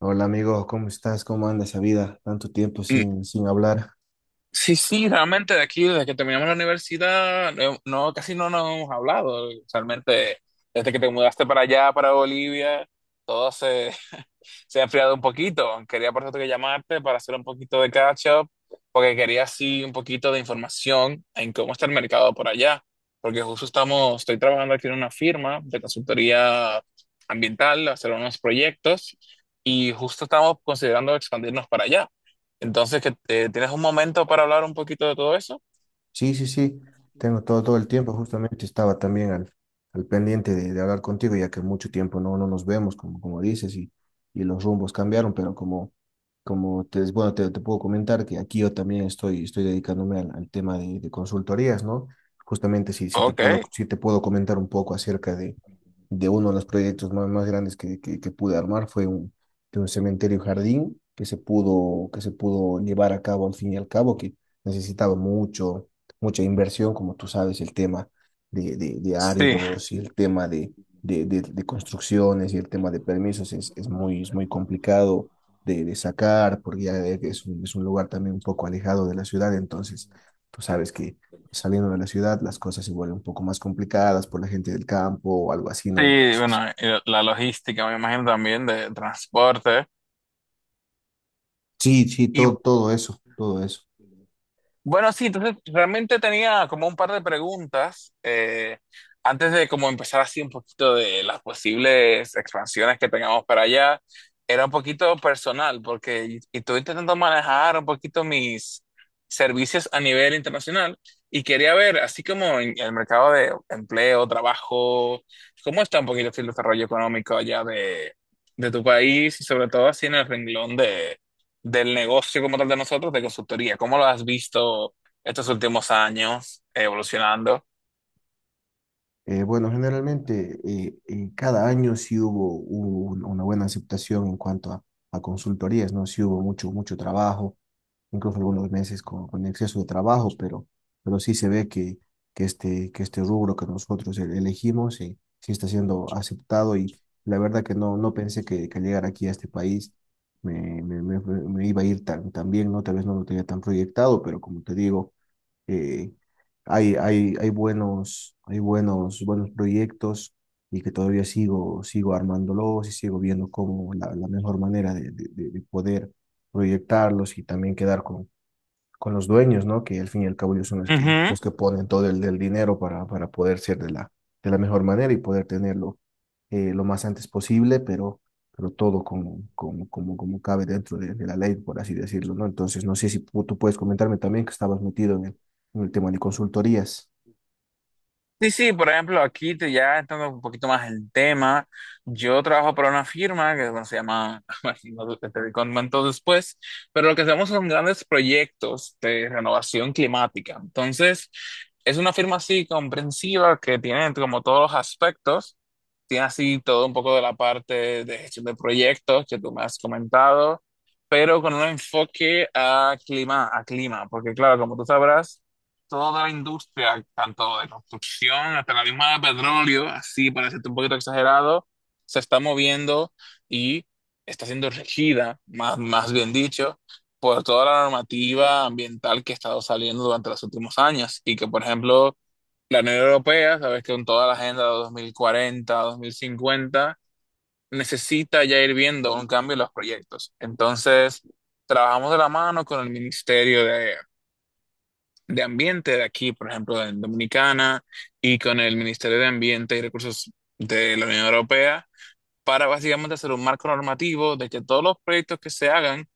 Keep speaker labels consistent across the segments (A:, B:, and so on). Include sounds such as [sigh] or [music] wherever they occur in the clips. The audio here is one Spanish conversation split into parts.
A: Hola amigo, ¿cómo estás? ¿Cómo anda esa vida? Tanto tiempo
B: Mm,
A: sin hablar.
B: Sí, sí, realmente de aquí, desde que terminamos la universidad, no, no, casi no nos hemos hablado. Realmente, desde que te mudaste para allá, para Bolivia, todo se, se ha enfriado un poquito. Quería por eso que llamarte para hacer un poquito de catch up, porque quería así un poquito de información en cómo está el mercado por allá. Porque estoy trabajando aquí en una firma de consultoría ambiental, hacer unos proyectos y justo estamos considerando expandirnos para allá. Entonces, que ¿tienes un momento para hablar un poquito de todo eso?
A: Sí, sí, sí, tengo todo el tiempo. Justamente estaba también al pendiente de hablar contigo, ya que mucho tiempo no nos vemos, como, como dices, y los rumbos cambiaron, pero como te puedo comentar que aquí yo también estoy dedicándome al tema de consultorías, ¿no? Justamente si te
B: Ok,
A: puedo, si te puedo comentar un poco acerca de uno de los proyectos más grandes que pude armar, fue de un cementerio jardín que se pudo llevar a cabo al fin y al cabo, que necesitaba mucha inversión, como tú sabes, el tema de
B: sí,
A: áridos y el tema de construcciones y el tema de permisos es muy complicado de sacar, porque ya es es un lugar también un poco alejado de la ciudad, entonces tú sabes que saliendo de la ciudad las cosas se vuelven un poco más complicadas por la gente del campo o algo así, ¿no?
B: sí,
A: Entonces,
B: bueno, la logística me imagino también de transporte.
A: sí, sí,
B: Y
A: todo, todo eso, todo eso.
B: bueno, sí, entonces realmente tenía como un par de preguntas, antes de como empezar así un poquito de las posibles expansiones que tengamos para allá. Era un poquito personal porque y estoy intentando manejar un poquito mis servicios a nivel internacional y quería ver, así como en el mercado de empleo, trabajo, cómo está un poquito el desarrollo económico allá de tu país y sobre todo así en el renglón del negocio como tal de nosotros, de consultoría. ¿Cómo lo has visto estos últimos años evolucionando?
A: Bueno, generalmente cada año sí hubo una buena aceptación en cuanto a consultorías, ¿no? Sí hubo mucho, mucho trabajo, incluso algunos meses con exceso de trabajo, pero sí se ve que este rubro que nosotros elegimos sí, sí está siendo aceptado y la verdad que no, no pensé que al llegar aquí a este país me iba a ir tan, tan bien, ¿no? Tal vez no lo tenía tan proyectado, pero como te digo, eh, hay buenos, buenos proyectos y que todavía sigo, sigo armándolos y sigo viendo cómo la, la mejor manera de poder proyectarlos y también quedar con los dueños, ¿no? Que al fin y al cabo ellos son
B: Ujú.
A: los que ponen todo el dinero para poder ser de la mejor manera y poder tenerlo lo más antes posible, pero todo como cabe dentro de la ley, por así decirlo, ¿no? Entonces, no sé si tú puedes comentarme también que estabas metido en el tema de consultorías.
B: Sí, sí, por ejemplo, ya entrando un poquito más en tema, yo trabajo para una firma que bueno, se llama, [laughs] no te comento después, pero lo que hacemos son grandes proyectos de renovación climática. Entonces, es una firma así comprensiva que tiene como todos los aspectos, tiene así todo un poco de la parte de gestión de proyectos que tú me has comentado, pero con un enfoque a clima, porque claro, como tú sabrás, toda la industria, tanto de construcción hasta la misma de petróleo, así para ser un poquito exagerado, se está moviendo y está siendo regida, más bien dicho, por toda la normativa ambiental que ha estado saliendo durante los últimos años y que, por ejemplo, la Unión Europea, sabes que con toda la agenda de 2040, 2050, necesita ya ir viendo un cambio en los proyectos. Entonces, trabajamos de la mano con el Ministerio de ambiente de aquí, por ejemplo, en Dominicana, y con el Ministerio de Ambiente y Recursos de la Unión Europea, para básicamente hacer un marco normativo de que todos los proyectos que se hagan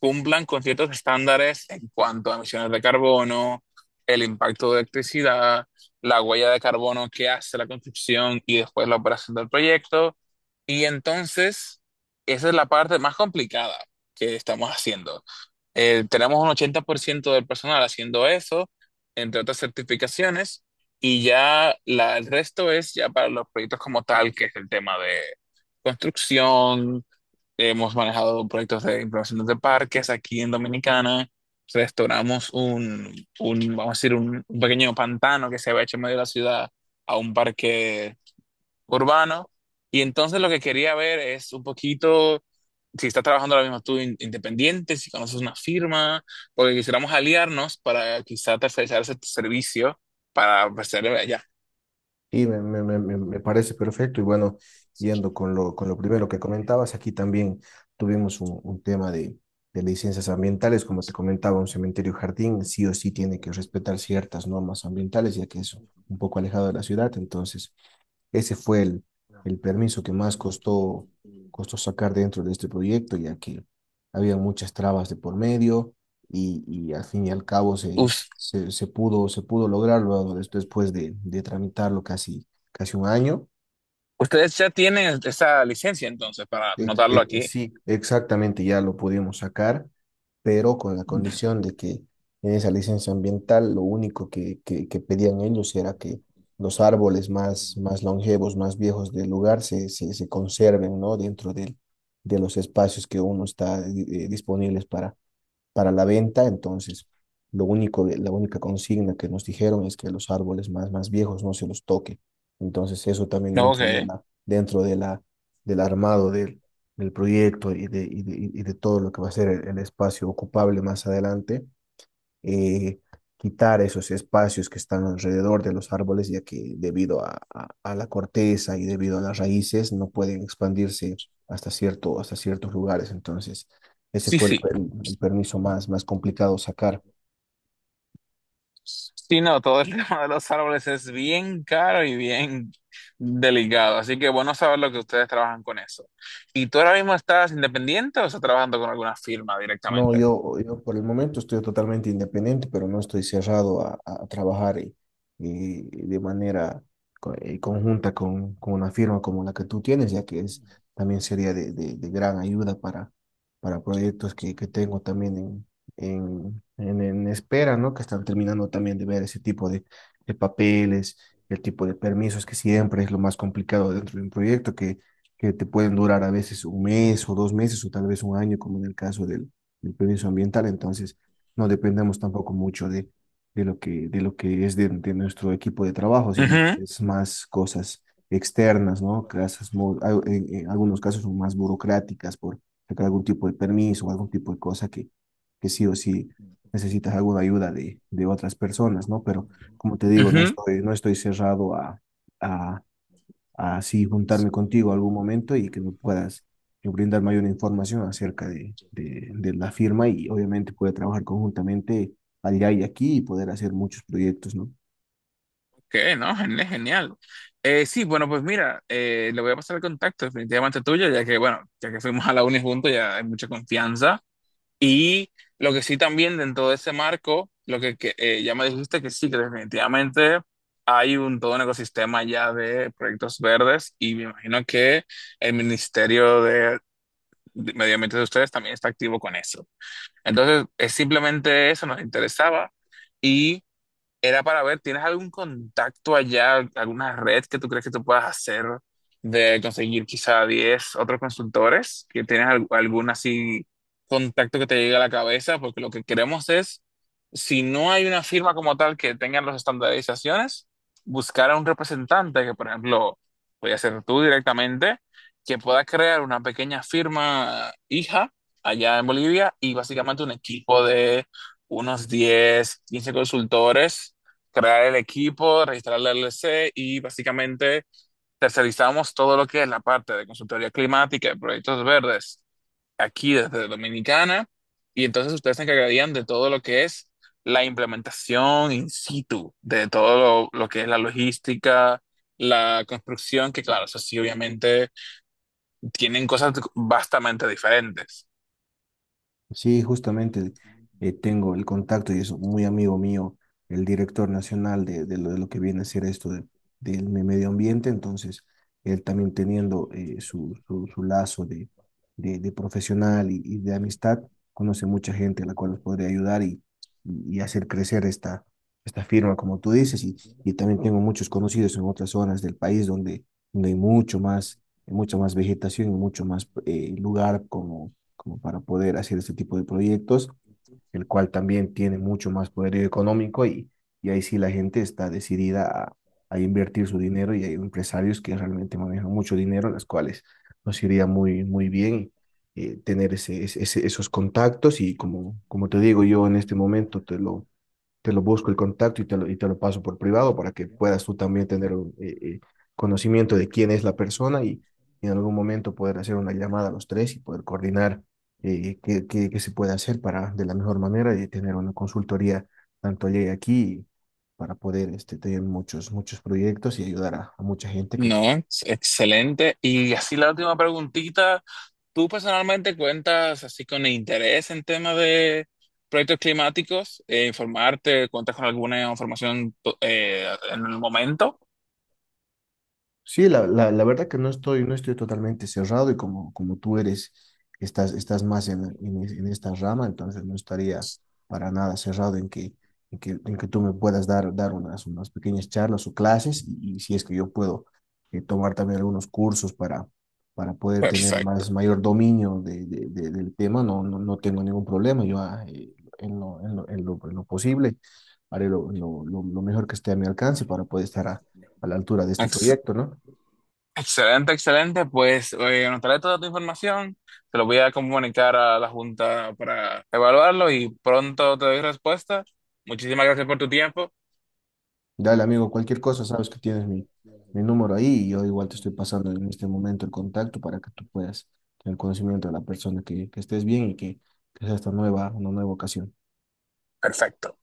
B: cumplan con ciertos estándares en cuanto a emisiones de carbono, el impacto de electricidad, la huella de carbono que hace la construcción y después la operación del proyecto. Y entonces, esa es la parte más complicada que estamos haciendo. Tenemos un 80% del personal haciendo eso, entre otras certificaciones, y ya el resto es ya para los proyectos como tal, que es el tema de construcción. Hemos manejado proyectos de implementación de parques aquí en Dominicana. Restauramos un, Vamos a decir, un pequeño pantano que se había hecho en medio de la ciudad a un parque urbano. Y entonces lo que quería ver es un poquito si estás trabajando ahora mismo tú independiente, si conoces una firma, porque quisiéramos aliarnos para quizá tercerizar ese servicio para ofrecerle allá.
A: Sí, me parece perfecto. Y bueno, yendo con lo primero que comentabas, aquí también tuvimos un tema de licencias ambientales. Como te comentaba, un cementerio jardín sí o sí tiene que respetar ciertas normas ambientales, ya que es un poco alejado de la ciudad. Entonces, ese fue el permiso que más costó, costó sacar dentro de este proyecto, ya que había muchas trabas de por medio y al fin y al cabo se,
B: Us-
A: se, se pudo, se pudo lograrlo después de tramitarlo casi, casi un año.
B: Ustedes ya tienen esa licencia entonces para anotarlo aquí.
A: Sí, exactamente, ya lo pudimos sacar, pero con la condición de que en esa licencia ambiental lo único que pedían ellos era que los árboles más longevos, más viejos del lugar se conserven, ¿no? De los espacios que uno está disponibles para la venta, entonces lo único, la única consigna que nos dijeron es que los árboles más, más viejos no se los toque. Entonces eso también
B: No,
A: dentro de
B: ok.
A: la, dentro de la, del armado del proyecto y de todo lo que va a ser el espacio ocupable más adelante, eh, quitar esos espacios que están alrededor de los árboles, ya que debido a la corteza y debido a las raíces no pueden expandirse hasta cierto, hasta ciertos lugares. Entonces, ese
B: Sí,
A: fue
B: sí.
A: el permiso más, más complicado sacar.
B: Sí, no, todo el [laughs] tema de los árboles es bien caro y bien delicado, así que bueno saber lo que ustedes trabajan con eso. ¿Y tú ahora mismo estás independiente o estás trabajando con alguna firma
A: No,
B: directamente?
A: yo por el momento estoy totalmente independiente, pero no estoy cerrado a trabajar y de manera conjunta con una firma como la que tú tienes, ya que es, también sería de gran ayuda para proyectos que tengo también en espera, ¿no? Que están terminando también de ver ese tipo de papeles, el tipo de permisos, que siempre es lo más complicado dentro de un proyecto, que te pueden durar a veces un mes o dos meses o tal vez un año, como en el caso del el permiso ambiental, entonces no dependemos tampoco mucho de lo que es de nuestro equipo de trabajo, sino
B: Ujú,
A: que es más cosas externas, ¿no? Casas, en algunos casos son más burocráticas por sacar algún tipo de permiso o algún tipo de cosa que sí o sí necesitas alguna ayuda de otras personas, ¿no? Pero como te digo, no
B: ujú.
A: estoy, no estoy cerrado a así juntarme contigo algún momento y que me puedas brindar mayor información acerca de la firma y obviamente poder trabajar conjuntamente allá y aquí y poder hacer muchos proyectos, ¿no?
B: Ok, no, genial, genial. Sí, bueno, pues mira, le voy a pasar el contacto definitivamente tuyo, ya que, bueno, ya que fuimos a la uni juntos, ya hay mucha confianza. Y lo que sí también dentro de ese marco, ya me dijiste que sí, que definitivamente hay un todo un ecosistema ya de proyectos verdes y me imagino que el Ministerio de Medio Ambiente de ustedes también está activo con eso. Entonces, es simplemente eso nos interesaba y era para ver, ¿tienes algún contacto allá, alguna red que tú crees que tú puedas hacer de conseguir quizá 10 otros consultores? ¿Que tienes algún así contacto que te llegue a la cabeza? Porque lo que queremos es, si no hay una firma como tal que tenga las estandarizaciones, buscar a un representante que, por ejemplo, voy a ser tú directamente, que pueda crear una pequeña firma hija allá en Bolivia y básicamente un equipo de unos 10 15 consultores, crear el equipo, registrar la LLC y básicamente tercerizamos todo lo que es la parte de consultoría climática y proyectos verdes aquí desde Dominicana y entonces ustedes se encargarían de todo lo que es la implementación in situ, de lo que es la logística, la construcción, que claro, eso sí, obviamente tienen cosas vastamente diferentes.
A: Sí, justamente tengo el contacto y es muy amigo mío, el director nacional de lo que viene a ser esto del medio ambiente, entonces él también teniendo su lazo de profesional y de amistad, conoce mucha gente a la cual nos podría ayudar y hacer crecer esta firma, como tú dices, y también tengo muchos conocidos en otras zonas del país donde, donde hay mucho más, mucha más vegetación y mucho más lugar como como para poder hacer este tipo de proyectos, el cual también tiene mucho más poder económico y ahí sí la gente está decidida a invertir su dinero y hay empresarios que realmente manejan mucho dinero, las cuales nos iría muy, muy bien tener esos contactos y como, como te digo yo en este momento, te lo busco el contacto y te lo paso por privado para que puedas tú también tener un, conocimiento de quién es la persona y en algún momento poder hacer una llamada a los tres y poder coordinar qué se puede hacer para de la mejor manera y tener una consultoría tanto allá y aquí para poder este, tener muchos, muchos proyectos y ayudar a mucha gente que...
B: No, excelente. Y así la última preguntita, ¿tú personalmente cuentas así con interés en temas de proyectos climáticos? ¿Informarte? ¿Cuentas con alguna información en el momento?
A: Sí, la verdad que no estoy, no estoy totalmente cerrado y como tú eres, estás, estás más en esta rama, entonces no estaría para nada cerrado en que tú me puedas dar unas, unas pequeñas charlas o clases y si es que yo puedo tomar también algunos cursos para poder tener
B: Perfecto.
A: más, mayor dominio del tema, no, no, no tengo ningún problema, yo en lo, en lo, en lo posible haré lo mejor que esté a mi alcance para poder estar a la altura de este
B: Ex-
A: proyecto, ¿no?
B: Excelente, excelente. Pues anotaré toda tu información, te lo voy a comunicar a la Junta para evaluarlo y pronto te doy respuesta. Muchísimas gracias por tu tiempo.
A: Dale, amigo, cualquier cosa, sabes que tienes mi número ahí y yo igual te estoy pasando en este momento el contacto para que tú puedas tener conocimiento de la persona, que estés bien que sea esta nueva, una nueva ocasión.
B: Perfecto.